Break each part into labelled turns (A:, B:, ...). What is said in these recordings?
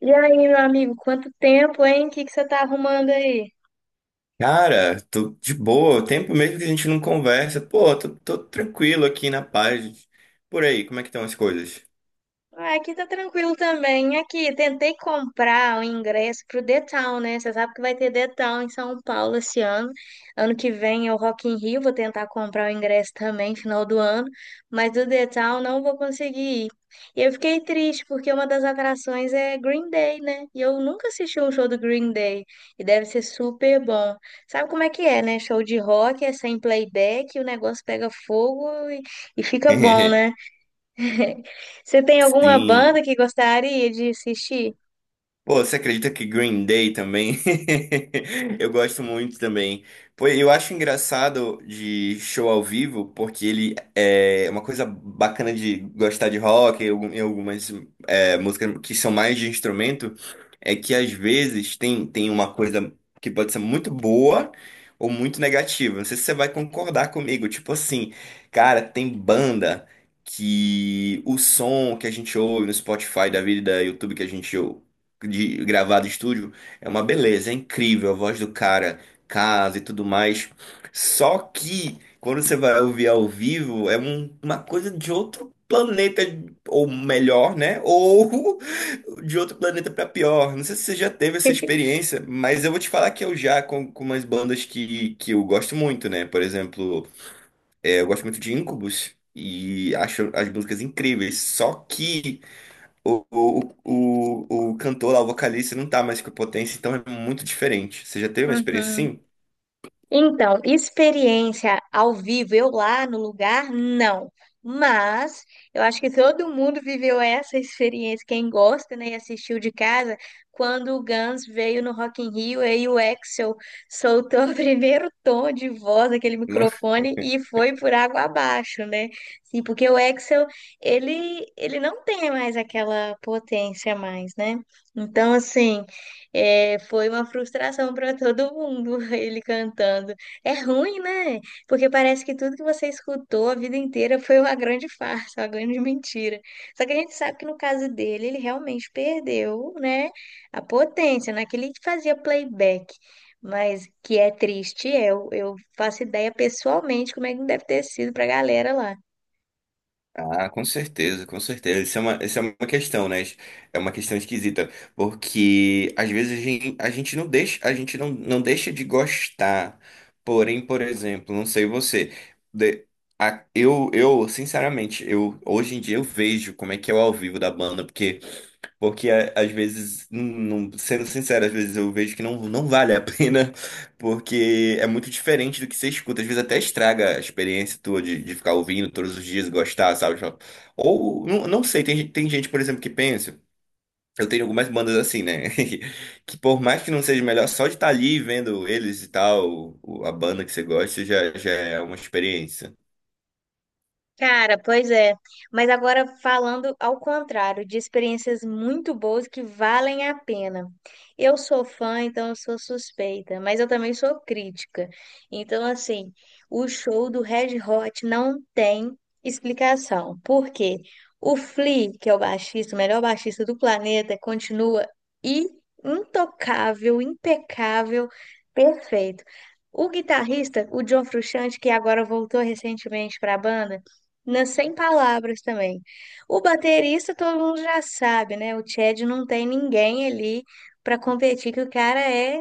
A: E aí, meu amigo, quanto tempo, hein? O que que você tá arrumando aí?
B: Cara, tô de boa. Tempo mesmo que a gente não conversa. Pô, tô tranquilo aqui na paz. Por aí, como é que estão as coisas?
A: Ah, aqui tá tranquilo também. Aqui, tentei comprar o ingresso pro The Town, né? Você sabe que vai ter The Town em São Paulo esse ano. Ano que vem é o Rock in Rio, vou tentar comprar o ingresso também, final do ano. Mas do The Town não vou conseguir ir. E eu fiquei triste, porque uma das atrações é Green Day, né? E eu nunca assisti um show do Green Day. E deve ser super bom. Sabe como é que é, né? Show de rock é sem playback, o negócio pega fogo e fica bom, né? Você tem alguma
B: Sim.
A: banda que gostaria de assistir?
B: Pô, você acredita que Green Day também? Eu gosto muito também. Pô, eu acho engraçado de show ao vivo, porque ele é uma coisa bacana de gostar de rock e e algumas música que são mais de instrumento, é que às vezes tem uma coisa que pode ser muito boa ou muito negativa. Não sei se você vai concordar comigo. Tipo assim, cara, tem banda que o som que a gente ouve no Spotify da vida e da YouTube que a gente ouve, de gravado em estúdio, é uma beleza, é incrível, a voz do cara, casa e tudo mais. Só que quando você vai ouvir ao vivo, é uma coisa de outro planeta, ou melhor, né? Ou de outro planeta pra pior. Não sei se você já teve essa experiência, mas eu vou te falar que eu já, com umas bandas que eu gosto muito, né? Por exemplo, eu gosto muito de Incubus. E acho as músicas incríveis. Só que o cantor lá, o vocalista, não tá mais com a potência, então é muito diferente. Você já teve uma experiência
A: Uhum.
B: assim?
A: Então, experiência ao vivo, eu lá no lugar, não. Mas eu acho que todo mundo viveu essa experiência, quem gosta, né, e assistiu de casa, quando o Guns veio no Rock in Rio, aí o Axl soltou o primeiro tom de voz daquele microfone e foi por água abaixo, né? Sim, porque o Axl, ele não tem mais aquela potência mais, né? Então, assim, é, foi uma frustração para todo mundo ele cantando. É ruim, né? Porque parece que tudo que você escutou a vida inteira foi uma grande farsa, uma grande mentira. Só que a gente sabe que no caso dele, ele realmente perdeu, né, a potência, naquele que fazia playback. Mas que é triste, é. Eu faço ideia pessoalmente como é que deve ter sido para a galera lá.
B: Ah, com certeza, com certeza. Isso é uma questão, né? É uma questão esquisita, porque às vezes a gente não deixa, a gente não deixa de gostar. Porém, por exemplo, não sei você, de- sinceramente, eu hoje em dia eu vejo como é que é o ao vivo da banda, porque às vezes, sendo sincero, às vezes eu vejo que não vale a pena, porque é muito diferente do que você escuta. Às vezes até estraga a experiência tua de ficar ouvindo todos os dias, gostar, sabe? Tipo, ou, não sei, tem gente, por exemplo, que pensa. Eu tenho algumas bandas assim, né? Que por mais que não seja melhor, só de estar ali vendo eles e tal, a banda que você gosta, já é uma experiência.
A: Cara, pois é. Mas agora falando ao contrário, de experiências muito boas que valem a pena. Eu sou fã, então eu sou suspeita, mas eu também sou crítica. Então, assim, o show do Red Hot não tem explicação. Por quê? O Flea, que é o baixista, o melhor baixista do planeta, continua i- intocável, impecável, perfeito. O guitarrista, o John Frusciante, que agora voltou recentemente para a banda, nas sem palavras também. O baterista todo mundo já sabe, né? O Chad não tem ninguém ali para competir, que o cara é,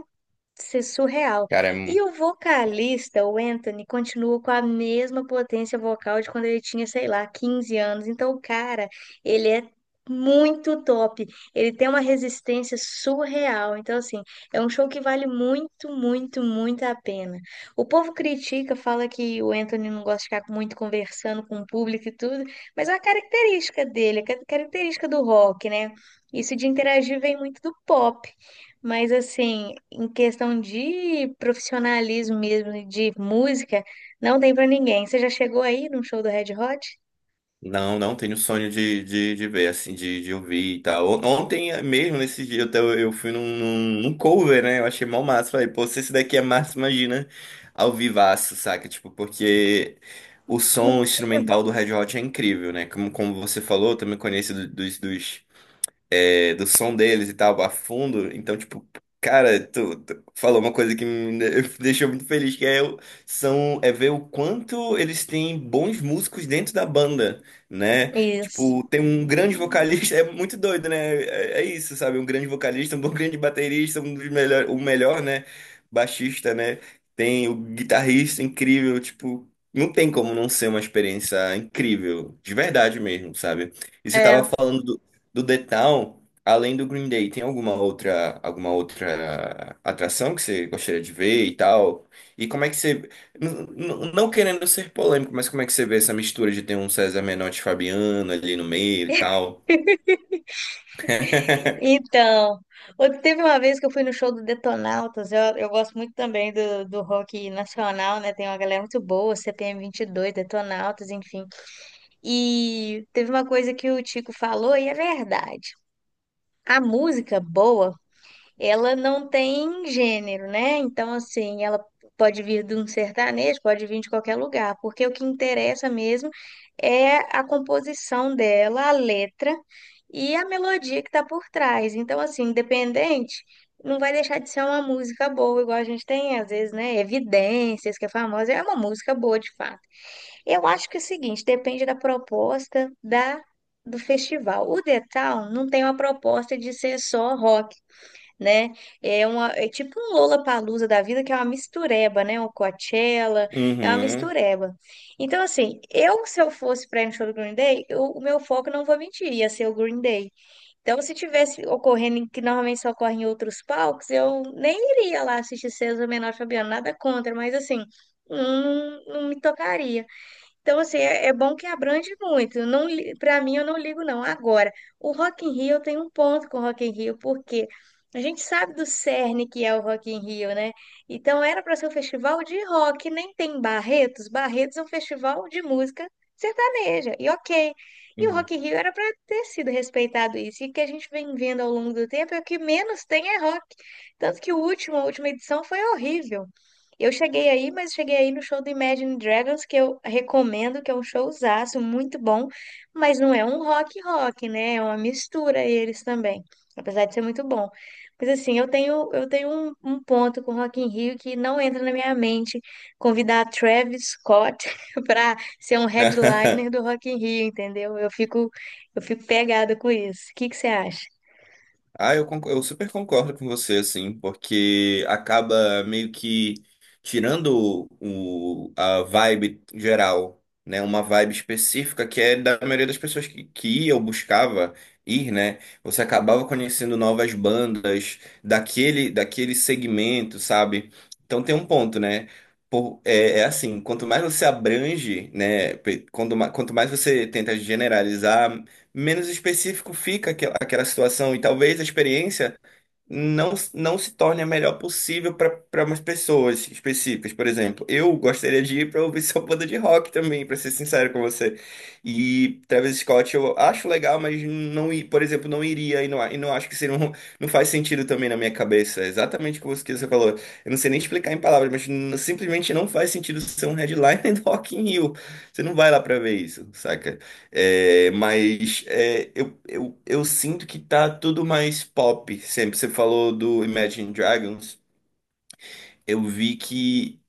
A: isso é surreal.
B: Cara,
A: E o vocalista, o Anthony, continua com a mesma potência vocal de quando ele tinha, sei lá, 15 anos. Então, o cara, ele é muito top. Ele tem uma resistência surreal. Então, assim, é um show que vale muito, muito, muito a pena. O povo critica, fala que o Anthony não gosta de ficar muito conversando com o público e tudo, mas é uma característica dele, é característica do rock, né? Isso de interagir vem muito do pop. Mas assim, em questão de profissionalismo mesmo, e de música, não tem pra ninguém. Você já chegou aí num show do Red Hot?
B: não, não tenho sonho de ver, assim, de ouvir e tal. Ontem mesmo, nesse dia, eu fui num cover, né? Eu achei mal massa. Falei, pô, se esse daqui é massa, imagina ao vivaço, saca? Tipo, porque o som instrumental do Red Hot é incrível, né? Como você falou, eu também conheço do- dos, dos do som deles e tal, a fundo. Então, tipo, cara, tu falou uma coisa que me deixou muito feliz, que é, é ver o quanto eles têm bons músicos dentro da banda, né?
A: Isso.
B: Tipo, tem um grande vocalista, é muito doido, né? É isso, sabe? Um grande vocalista, um bom grande baterista, o melhor, né? Baixista, né? Tem o guitarrista incrível, tipo, não tem como não ser uma experiência incrível, de verdade mesmo, sabe? E você tava
A: É.
B: falando do The Town. Além do Green Day, tem alguma outra atração que você gostaria de ver e tal? E como é que você. n- Não querendo ser polêmico, mas como é que você vê essa mistura de ter um César Menotti e Fabiano ali no meio e tal?
A: Então, teve uma vez que eu fui no show do Detonautas. Eu gosto muito também do rock nacional, né? Tem uma galera muito boa, CPM dois Detonautas, enfim. E teve uma coisa que o Tico falou e é verdade. A música boa, ela não tem gênero, né? Então, assim, ela pode vir de um sertanejo, pode vir de qualquer lugar, porque o que interessa mesmo é a composição dela, a letra e a melodia que está por trás. Então, assim, independente, não vai deixar de ser uma música boa, igual a gente tem, às vezes, né? Evidências, que é famosa, é uma música boa de fato. Eu acho que é o seguinte, depende da proposta da, do festival. O The Town não tem uma proposta de ser só rock, né? É tipo um Lollapalooza da vida, que é uma mistureba, né? Uma Coachella, é uma
B: Uhum,
A: mistureba. Então, assim, se eu fosse para ir no show do Green Day, o meu foco, não vou mentir, ia ser o Green Day. Então, se tivesse ocorrendo, que normalmente só ocorre em outros palcos, eu nem iria lá assistir César Menor e Fabiano, nada contra, mas assim, não, não me tocaria. Então, assim, é, bom que abrange muito. Eu não, para mim, eu não ligo, não. Agora, o Rock in Rio, eu tenho um ponto com o Rock in Rio, porque a gente sabe do cerne que é o Rock in Rio, né? Então, era para ser um festival de rock, nem tem Barretos. Barretos é um festival de música sertaneja, e ok. E o
B: uhum.
A: Rock in Rio era para ter sido respeitado isso. E o que a gente vem vendo ao longo do tempo é que menos tem é rock. Tanto que o último, a última edição foi horrível. Eu cheguei aí, mas cheguei aí no show do Imagine Dragons, que eu recomendo, que é um showzaço muito bom, mas não é um rock rock, né? É uma mistura eles também, apesar de ser muito bom. Mas assim, eu tenho um ponto com Rock in Rio que não entra na minha mente convidar Travis Scott para ser um headliner do Rock in Rio, entendeu? Eu fico pegada com isso. O que que você acha?
B: Ah, eu super concordo com você, assim, porque acaba meio que tirando a vibe geral, né? Uma vibe específica que é da maioria das pessoas que ia ou buscava ir, né? Você acabava conhecendo novas bandas daquele segmento, sabe? Então tem um ponto, né? É assim, quanto mais você abrange, né? Quanto mais você tenta generalizar, menos específico fica aquela situação e talvez a experiência não se torne a melhor possível para umas pessoas específicas. Por exemplo, eu gostaria de ir para ouvir sua banda de rock também, para ser sincero com você. E Travis Scott eu acho legal, mas por exemplo, não iria e não acho que seria um, não faz sentido também na minha cabeça. É exatamente o que você falou. Eu não sei nem explicar em palavras, mas simplesmente não faz sentido ser um headliner do Rock in Rio. Você não vai lá para ver isso, saca? É, mas é, eu sinto que tá tudo mais pop sempre. Você falou do Imagine Dragons. Eu vi que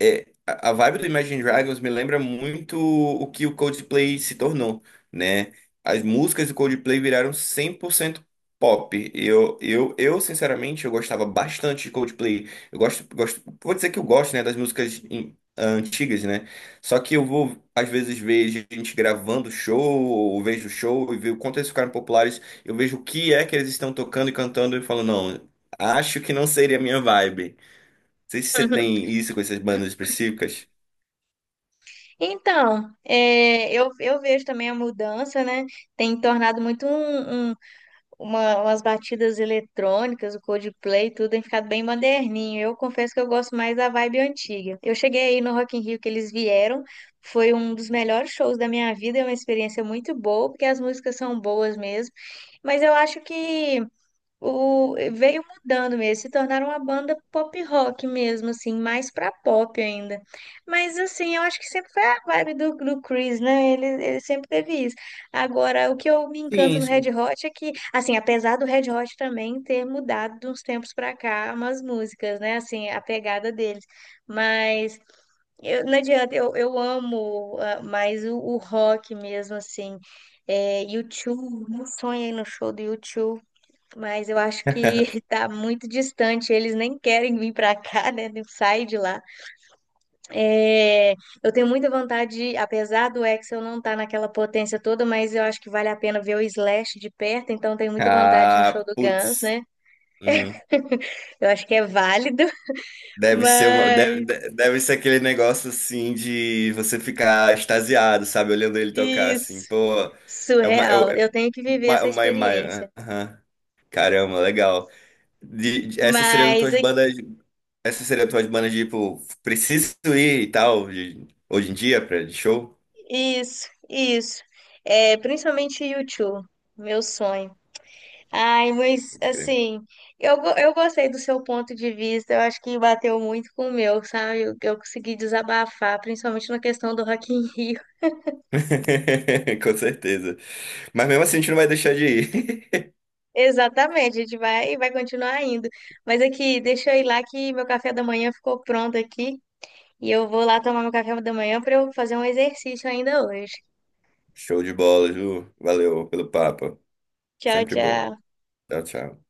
B: a vibe do Imagine Dragons me lembra muito o que o Coldplay se tornou, né? As músicas do Coldplay viraram 100% pop. Sinceramente, eu gostava bastante de Coldplay. Eu gosto, gosto, vou dizer que eu gosto, né, das músicas antigas, né? Só que eu vou, às vezes, ver gente gravando show, ou vejo show e ver o quanto eles ficaram populares. Eu vejo o que é que eles estão tocando e cantando e falo, não, acho que não seria a minha vibe sei se você tem isso com essas bandas específicas.
A: Então, é, eu vejo também a mudança, né? Tem tornado muito um, umas batidas eletrônicas, o Coldplay, tudo tem ficado bem moderninho. Eu confesso que eu gosto mais da vibe antiga. Eu cheguei aí no Rock in Rio que eles vieram, foi um dos melhores shows da minha vida, é uma experiência muito boa, porque as músicas são boas mesmo. Mas eu acho que veio mudando mesmo, se tornaram uma banda pop rock mesmo, assim, mais pra pop ainda. Mas assim, eu acho que sempre foi a vibe do Chris, né? Ele sempre teve isso. Agora, o que eu me encanto
B: Sim,
A: no Red
B: sim.
A: Hot é que, assim, apesar do Red Hot também ter mudado de uns tempos pra cá umas músicas, né? Assim, a pegada deles. Mas eu, não adianta, eu amo, mais o rock mesmo, assim. É, U2, meu sonho aí no show do U2, mas eu acho que está muito distante, eles nem querem vir para cá, né? Não sai de lá. É, eu tenho muita vontade, de, apesar do Axel não estar naquela potência toda, mas eu acho que vale a pena ver o Slash de perto, então tenho muita vontade no show
B: Ah,
A: do Guns,
B: putz.
A: né?
B: Uhum.
A: Eu acho que é válido, mas
B: Deve ser aquele negócio assim de você ficar extasiado, sabe? Olhando ele tocar assim.
A: isso,
B: Pô, é uma, é
A: surreal.
B: é
A: Eu tenho que viver essa
B: uma imagem.
A: experiência.
B: Aham. Caramba, legal. Essas seriam
A: Mas
B: tuas bandas. Essas seriam tuas bandas, tipo, preciso ir e tal, hoje em dia, pra de show?
A: isso, isso. É, principalmente YouTube, meu sonho. Ai, mas assim, eu gostei do seu ponto de vista, eu acho que bateu muito com o meu, sabe? Eu consegui desabafar, principalmente na questão do Rock in Rio.
B: Com certeza. Mas mesmo assim, a gente não vai deixar de ir.
A: Exatamente, a gente vai continuar indo. Mas aqui, deixa eu ir lá que meu café da manhã ficou pronto aqui e eu vou lá tomar meu café da manhã para eu fazer um exercício ainda hoje.
B: Show de bola, Ju. Valeu pelo papo.
A: Tchau,
B: Sempre bom.
A: tchau.
B: Tchau, tchau.